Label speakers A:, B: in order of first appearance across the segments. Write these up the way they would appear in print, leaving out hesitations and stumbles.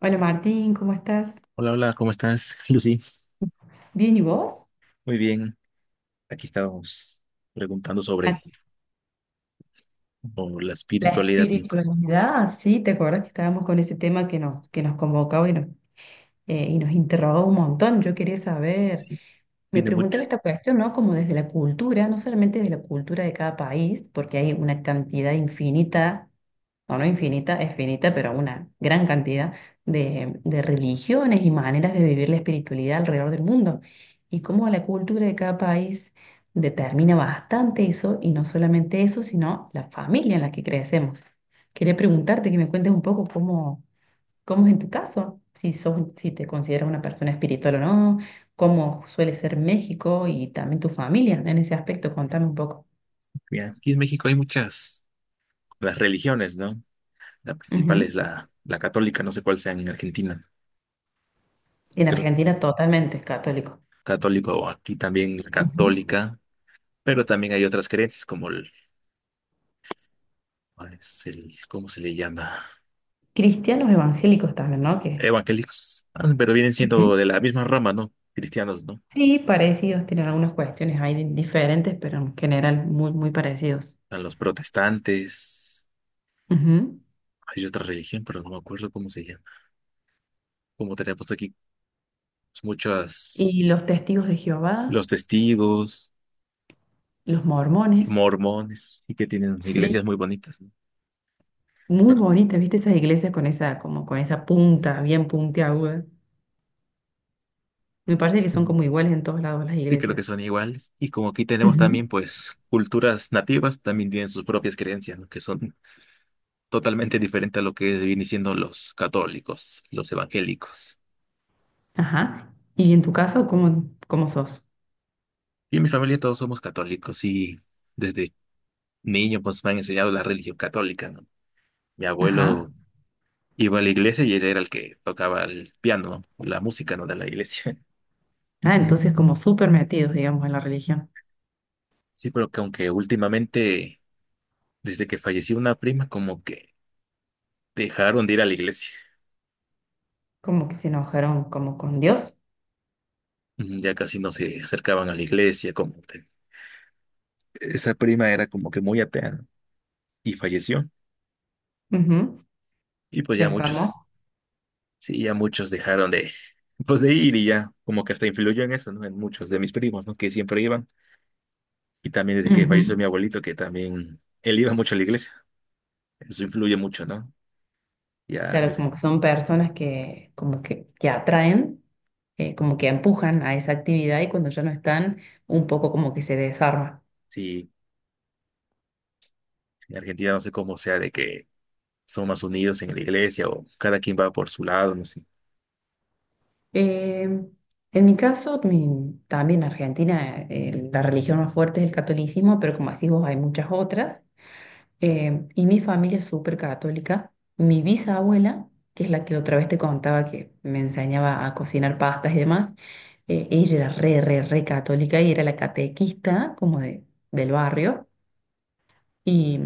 A: Hola Martín, ¿cómo estás?
B: Hola, hola, ¿cómo estás, Lucy?
A: Bien, ¿y vos?
B: Muy bien, aquí estábamos preguntando
A: Ah,
B: sobre o la
A: la
B: espiritualidad. Y
A: espiritualidad, sí, ¿te acuerdas que estábamos con ese tema que nos convocaba y nos interrogó un montón? Yo quería saber,
B: sí,
A: me
B: tiene
A: preguntaba
B: mucho.
A: esta cuestión, ¿no? Como desde la cultura, no solamente desde la cultura de cada país, porque hay una cantidad infinita no, no infinita, es finita, pero una gran cantidad de religiones y maneras de vivir la espiritualidad alrededor del mundo. Y cómo la cultura de cada país determina bastante eso, y no solamente eso, sino la familia en la que crecemos. Quería preguntarte que me cuentes un poco cómo, cómo es en tu caso, si sos, si te consideras una persona espiritual o no, cómo suele ser México y también tu familia en ese aspecto. Contame un poco.
B: Mira, aquí en México hay muchas, las religiones, ¿no? La principal
A: Ujú.
B: es la católica, no sé cuál sea en Argentina.
A: En
B: Creo
A: Argentina totalmente es católico.
B: católico o aquí también la católica, pero también hay otras creencias como el, ¿cuál es el- ¿cómo se le llama?
A: Cristianos evangélicos también, ¿no? Que
B: Evangélicos. Ah, pero vienen
A: Ujú.
B: siendo de la misma rama, ¿no? Cristianos, ¿no?
A: Sí, parecidos, tienen algunas cuestiones ahí diferentes, pero en general muy, muy parecidos.
B: A los protestantes.
A: Ujú.
B: Hay otra religión, pero no me acuerdo cómo se llama. Como tenemos aquí muchos,
A: Y los testigos de Jehová,
B: los testigos,
A: los mormones,
B: mormones, y que tienen iglesias
A: sí.
B: muy bonitas, ¿no?
A: Muy
B: Pero-
A: bonitas, ¿viste? Esas iglesias con esa, como con esa punta, bien puntiaguda. Me parece que son
B: ujú.
A: como iguales en todos lados las
B: Sí, creo que
A: iglesias.
B: son iguales. Y como aquí tenemos
A: Ujú.
B: también, pues, culturas nativas, también tienen sus propias creencias, ¿no? Que son totalmente diferentes a lo que vienen siendo los católicos, los evangélicos.
A: Ajá. ¿Y en tu caso, cómo, cómo sos?
B: Y en mi familia todos somos católicos y desde niño, pues, me han enseñado la religión católica, ¿no? Mi
A: Ajá.
B: abuelo iba a la iglesia y él era el que tocaba el piano, ¿no? La música, ¿no? De la iglesia.
A: Ah, entonces como súper metidos, digamos, en la religión.
B: Sí, pero que aunque últimamente, desde que falleció una prima, como que dejaron de ir a la iglesia.
A: Como que se enojaron como con Dios.
B: Mm, ya casi no se acercaban a la iglesia, como que esa prima era como que muy atea, ¿no? Y falleció. Y pues
A: Se
B: ya muchos,
A: enfermó.
B: sí, ya muchos dejaron de, pues de ir y ya, como que hasta influyó en eso, ¿no? En muchos de mis primos, ¿no? Que siempre iban. Y también desde que
A: Ujú.
B: falleció mi abuelito, que también él iba mucho a la iglesia. Eso influye mucho, ¿no? Ya, mi-
A: Claro, como que son personas que, como que atraen, como que empujan a esa actividad y cuando ya no están, un poco como que se desarma.
B: sí, en Argentina no sé cómo sea de que son más unidos en la iglesia o cada quien va por su lado, no sé.
A: Eh, en mi caso, también en Argentina, la religión más fuerte es el catolicismo, pero como así vos, hay muchas otras. Y mi familia es súper católica. Mi bisabuela, que es la que otra vez te contaba que me enseñaba a cocinar pastas y demás, ella era re, re, re católica y era la catequista como de, del barrio. Y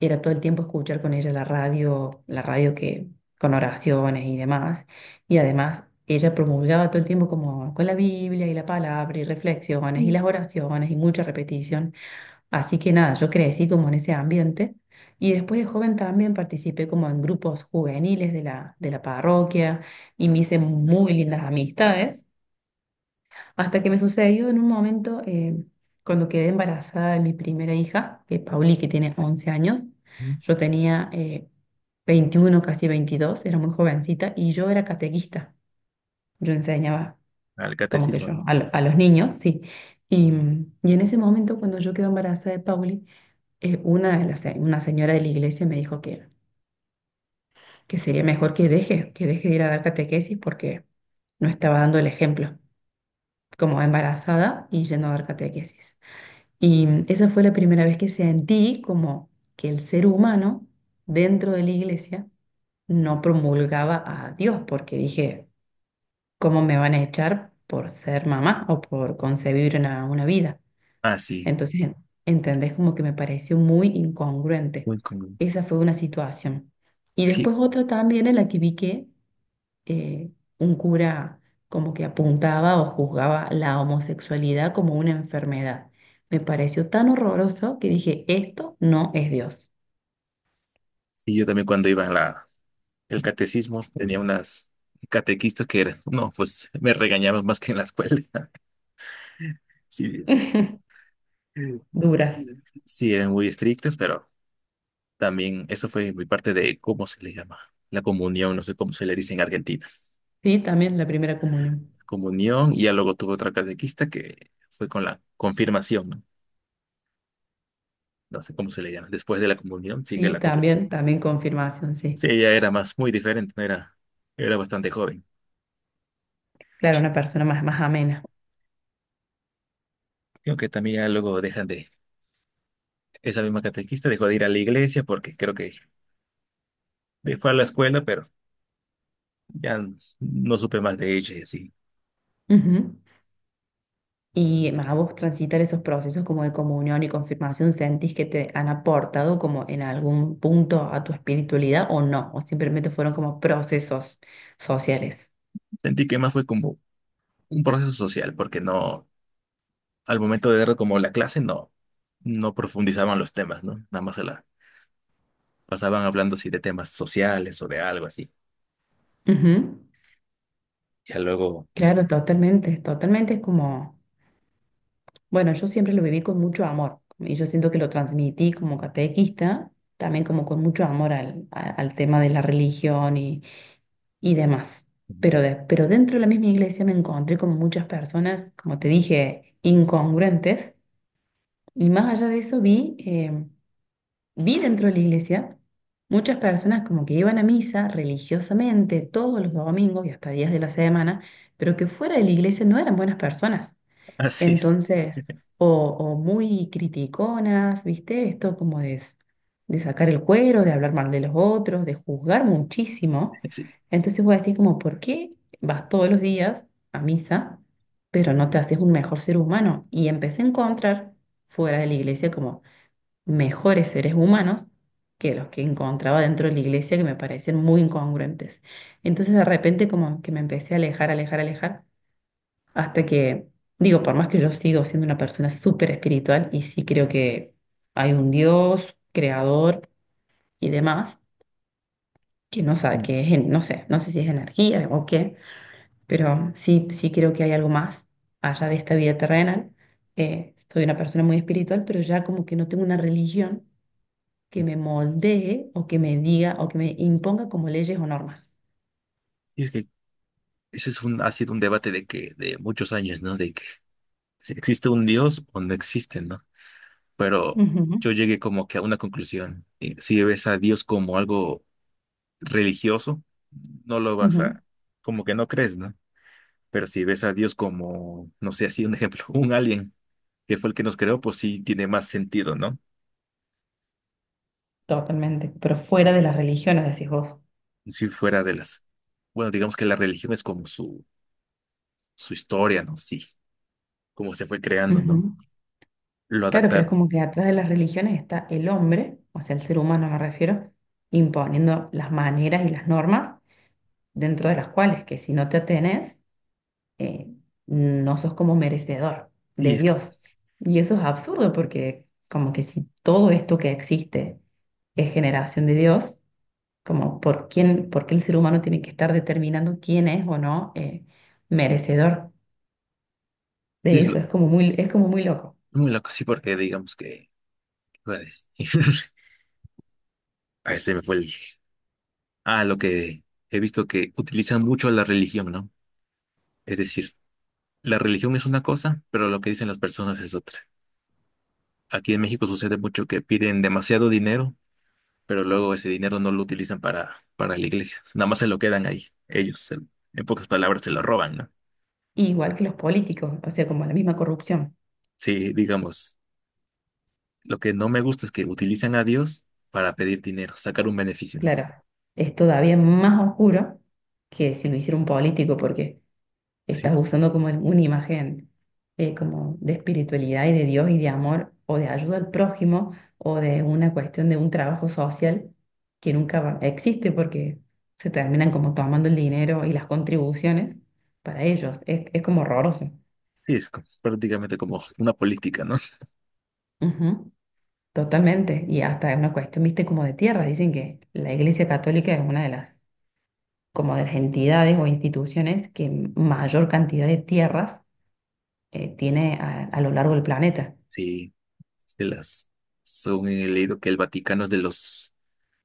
A: era todo el tiempo escuchar con ella la radio que con oraciones y demás. Y además ella promulgaba todo el tiempo como con la Biblia y la palabra y reflexiones y las oraciones y mucha repetición. Así que nada, yo crecí como en ese ambiente y después de joven también participé como en grupos juveniles de la parroquia y me hice muy lindas amistades, hasta que me sucedió en un momento cuando quedé embarazada de mi primera hija, que es Pauli, que tiene 11 años, yo tenía 21, casi 22, era muy jovencita y yo era catequista, yo enseñaba
B: ¿Al
A: como que
B: catecismo, no?
A: yo, a, a los niños, sí. Y, y en ese momento, cuando yo quedé embarazada de Pauli, una, una señora de la iglesia me dijo que, que sería mejor que deje de ir a dar catequesis porque no estaba dando el ejemplo, como embarazada y yendo a dar catequesis. Y esa fue la primera vez que sentí como que el ser humano dentro de la iglesia no promulgaba a Dios, porque dije, ¿cómo me van a echar por ser mamá o por concebir una vida?
B: Ah, sí,
A: Entonces, entendés como que me pareció muy incongruente.
B: muy común.
A: Esa fue una situación. Y
B: Sí,
A: después otra también en la que vi que eh, un cura como que apuntaba o juzgaba la homosexualidad como una enfermedad. Me pareció tan horroroso que dije, esto no es Dios.
B: sí, yo también cuando iba en la, el catecismo tenía unas catequistas que eran, no, pues me regañaban más que en la escuela. Sí, es- sí,
A: Duras.
B: sí, eran muy estrictas, pero también eso fue mi parte de, ¿cómo se le llama? La comunión, no sé cómo se le dice en Argentina.
A: Sí, también la primera comunión.
B: Comunión, y ya luego tuve otra catequista que fue con la confirmación, ¿no? No sé cómo se le llama, después de la comunión, sí que
A: Sí,
B: la confirmó.
A: también, también confirmación, sí.
B: Sí, ella era más, muy diferente, no era, era bastante joven.
A: Claro, una persona más, más amena.
B: Creo que también ya luego dejan de, esa misma catequista dejó de ir a la iglesia porque creo que de- fue a la escuela, pero ya n- no supe más de ella y así.
A: Ujú. Y a vos transitar esos procesos como de comunión y confirmación, ¿sentís que te han aportado como en algún punto a tu espiritualidad o no? ¿O simplemente fueron como procesos sociales?
B: Sentí que más fue como un proceso social, porque no, al momento de dar como la clase, no, no profundizaban los temas, ¿no? Nada más se la pasaban hablando así de temas sociales o de algo así.
A: Ujú.
B: Ya luego,
A: Claro, totalmente, totalmente. Es como, bueno, yo siempre lo viví con mucho amor y yo siento que lo transmití como catequista, también como con mucho amor al, al tema de la religión y demás. Pero,
B: mm,
A: pero dentro de la misma iglesia me encontré con muchas personas, como te dije, incongruentes. Y más allá de eso vi, vi dentro de la iglesia muchas personas como que iban a misa religiosamente todos los domingos y hasta días de la semana, pero que fuera de la iglesia no eran buenas personas.
B: así es.
A: Entonces, o muy criticonas, ¿viste? Esto como de, de sacar el cuero, de hablar mal de los otros, de juzgar muchísimo.
B: Sí.
A: Entonces voy a decir como, ¿por qué vas todos los días a misa, pero no te haces un mejor ser humano? Y empecé a encontrar fuera de la iglesia como mejores seres humanos que los que encontraba dentro de la iglesia que me parecían muy incongruentes. Entonces de repente como que me empecé a alejar, alejar, alejar. Hasta que, digo, por más que yo sigo siendo una persona súper espiritual y sí creo que hay un Dios, creador y demás, que no sabe, que es, no sé, no sé si es energía o qué, pero sí, sí creo que hay algo más allá de esta vida terrenal. Soy una persona muy espiritual, pero ya como que no tengo una religión que me moldee o que me diga o que me imponga como leyes o normas.
B: Y es que ese es un, ha sido un debate de que, de muchos años, ¿no? De que si existe un Dios o no existe, ¿no? Pero
A: Ujú,
B: yo llegué como que a una conclusión. Y si ves a Dios como algo religioso, no lo vas
A: ujú,
B: a, como que no crees, ¿no? Pero si ves a Dios como, no sé, así un ejemplo, un alien que fue el que nos creó, pues sí tiene más sentido, ¿no?
A: totalmente, pero fuera de las religiones, decís vos.
B: Si fuera de las, bueno, digamos que la religión es como su historia, ¿no? Sí, cómo se fue creando, ¿no?
A: Ujú.
B: Lo
A: Claro, pero es
B: adaptaron.
A: como que atrás de las religiones está el hombre, o sea, el ser humano me refiero, imponiendo las maneras y las normas dentro de las cuales que si no te atenes, eh, no sos como merecedor
B: Sí,
A: de
B: es que
A: Dios. Y eso es absurdo porque como que si todo esto que existe es generación de Dios, como por quién, por qué el ser humano tiene que estar determinando quién es o no merecedor
B: sí,
A: de
B: es lo,
A: eso, es como muy loco.
B: muy loco, sí, porque digamos que... ¿qué a decir? Ver, se me fue el... Ah, lo que he visto que utilizan mucho la religión, ¿no? Es decir, la religión es una cosa, pero lo que dicen las personas es otra. Aquí en México sucede mucho que piden demasiado dinero, pero luego ese dinero no lo utilizan para la iglesia. Nada más se lo quedan ahí. Ellos, se- en pocas palabras, se lo roban, ¿no?
A: Igual que los políticos, o sea, como la misma corrupción.
B: Sí, digamos, lo que no me gusta es que utilizan a Dios para pedir dinero, sacar un beneficio, ¿no?
A: Claro, es todavía más oscuro que si lo hiciera un político, porque
B: Sí,
A: estás
B: pues,
A: usando como una imagen como de espiritualidad y de Dios y de amor o de ayuda al prójimo o de una cuestión de un trabajo social que nunca existe porque se terminan como tomando el dinero y las contribuciones para ellos. Es como horroroso.
B: sí, es como- prácticamente como una política, ¿no?
A: Ujú, totalmente. Y hasta es una cuestión, viste, como de tierra. Dicen que la Iglesia Católica es una de las como de las entidades o instituciones que mayor cantidad de tierras tiene a lo largo del planeta.
B: Sí, de las. Según he leído que el Vaticano es de los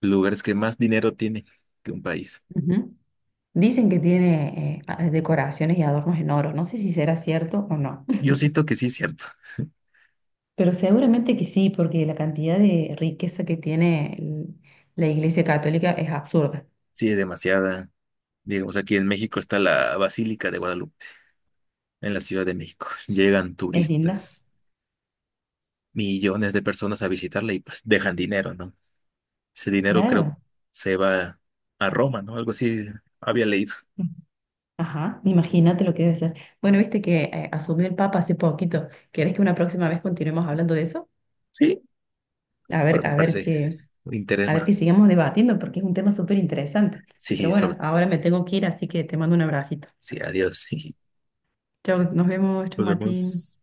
B: lugares que más dinero tiene que un país.
A: Ujú. Dicen que tiene decoraciones y adornos en oro. No sé si será cierto o no,
B: Yo siento que sí es cierto.
A: pero seguramente que sí, porque la cantidad de riqueza que tiene la Iglesia Católica es absurda.
B: Sí, es demasiada. Digamos, aquí en México está la Basílica de Guadalupe, en la Ciudad de México. Llegan
A: Es linda,
B: turistas, millones de personas a visitarla y pues dejan dinero, ¿no? Ese dinero creo
A: claro.
B: se va a Roma, ¿no? Algo así había leído.
A: Ajá, imagínate lo que debe ser. Bueno, viste que asumió el Papa hace poquito. ¿Querés que una próxima vez continuemos hablando de eso?
B: Sí, pero me
A: A ver
B: parece
A: qué,
B: un interés
A: a ver
B: más.
A: que sigamos debatiendo porque es un tema súper interesante. Pero
B: Sí,
A: bueno,
B: sobre...
A: ahora me tengo que ir, así que te mando un abracito.
B: Sí, adiós.
A: Chao, nos vemos, chao
B: Nos
A: Martín.
B: vemos.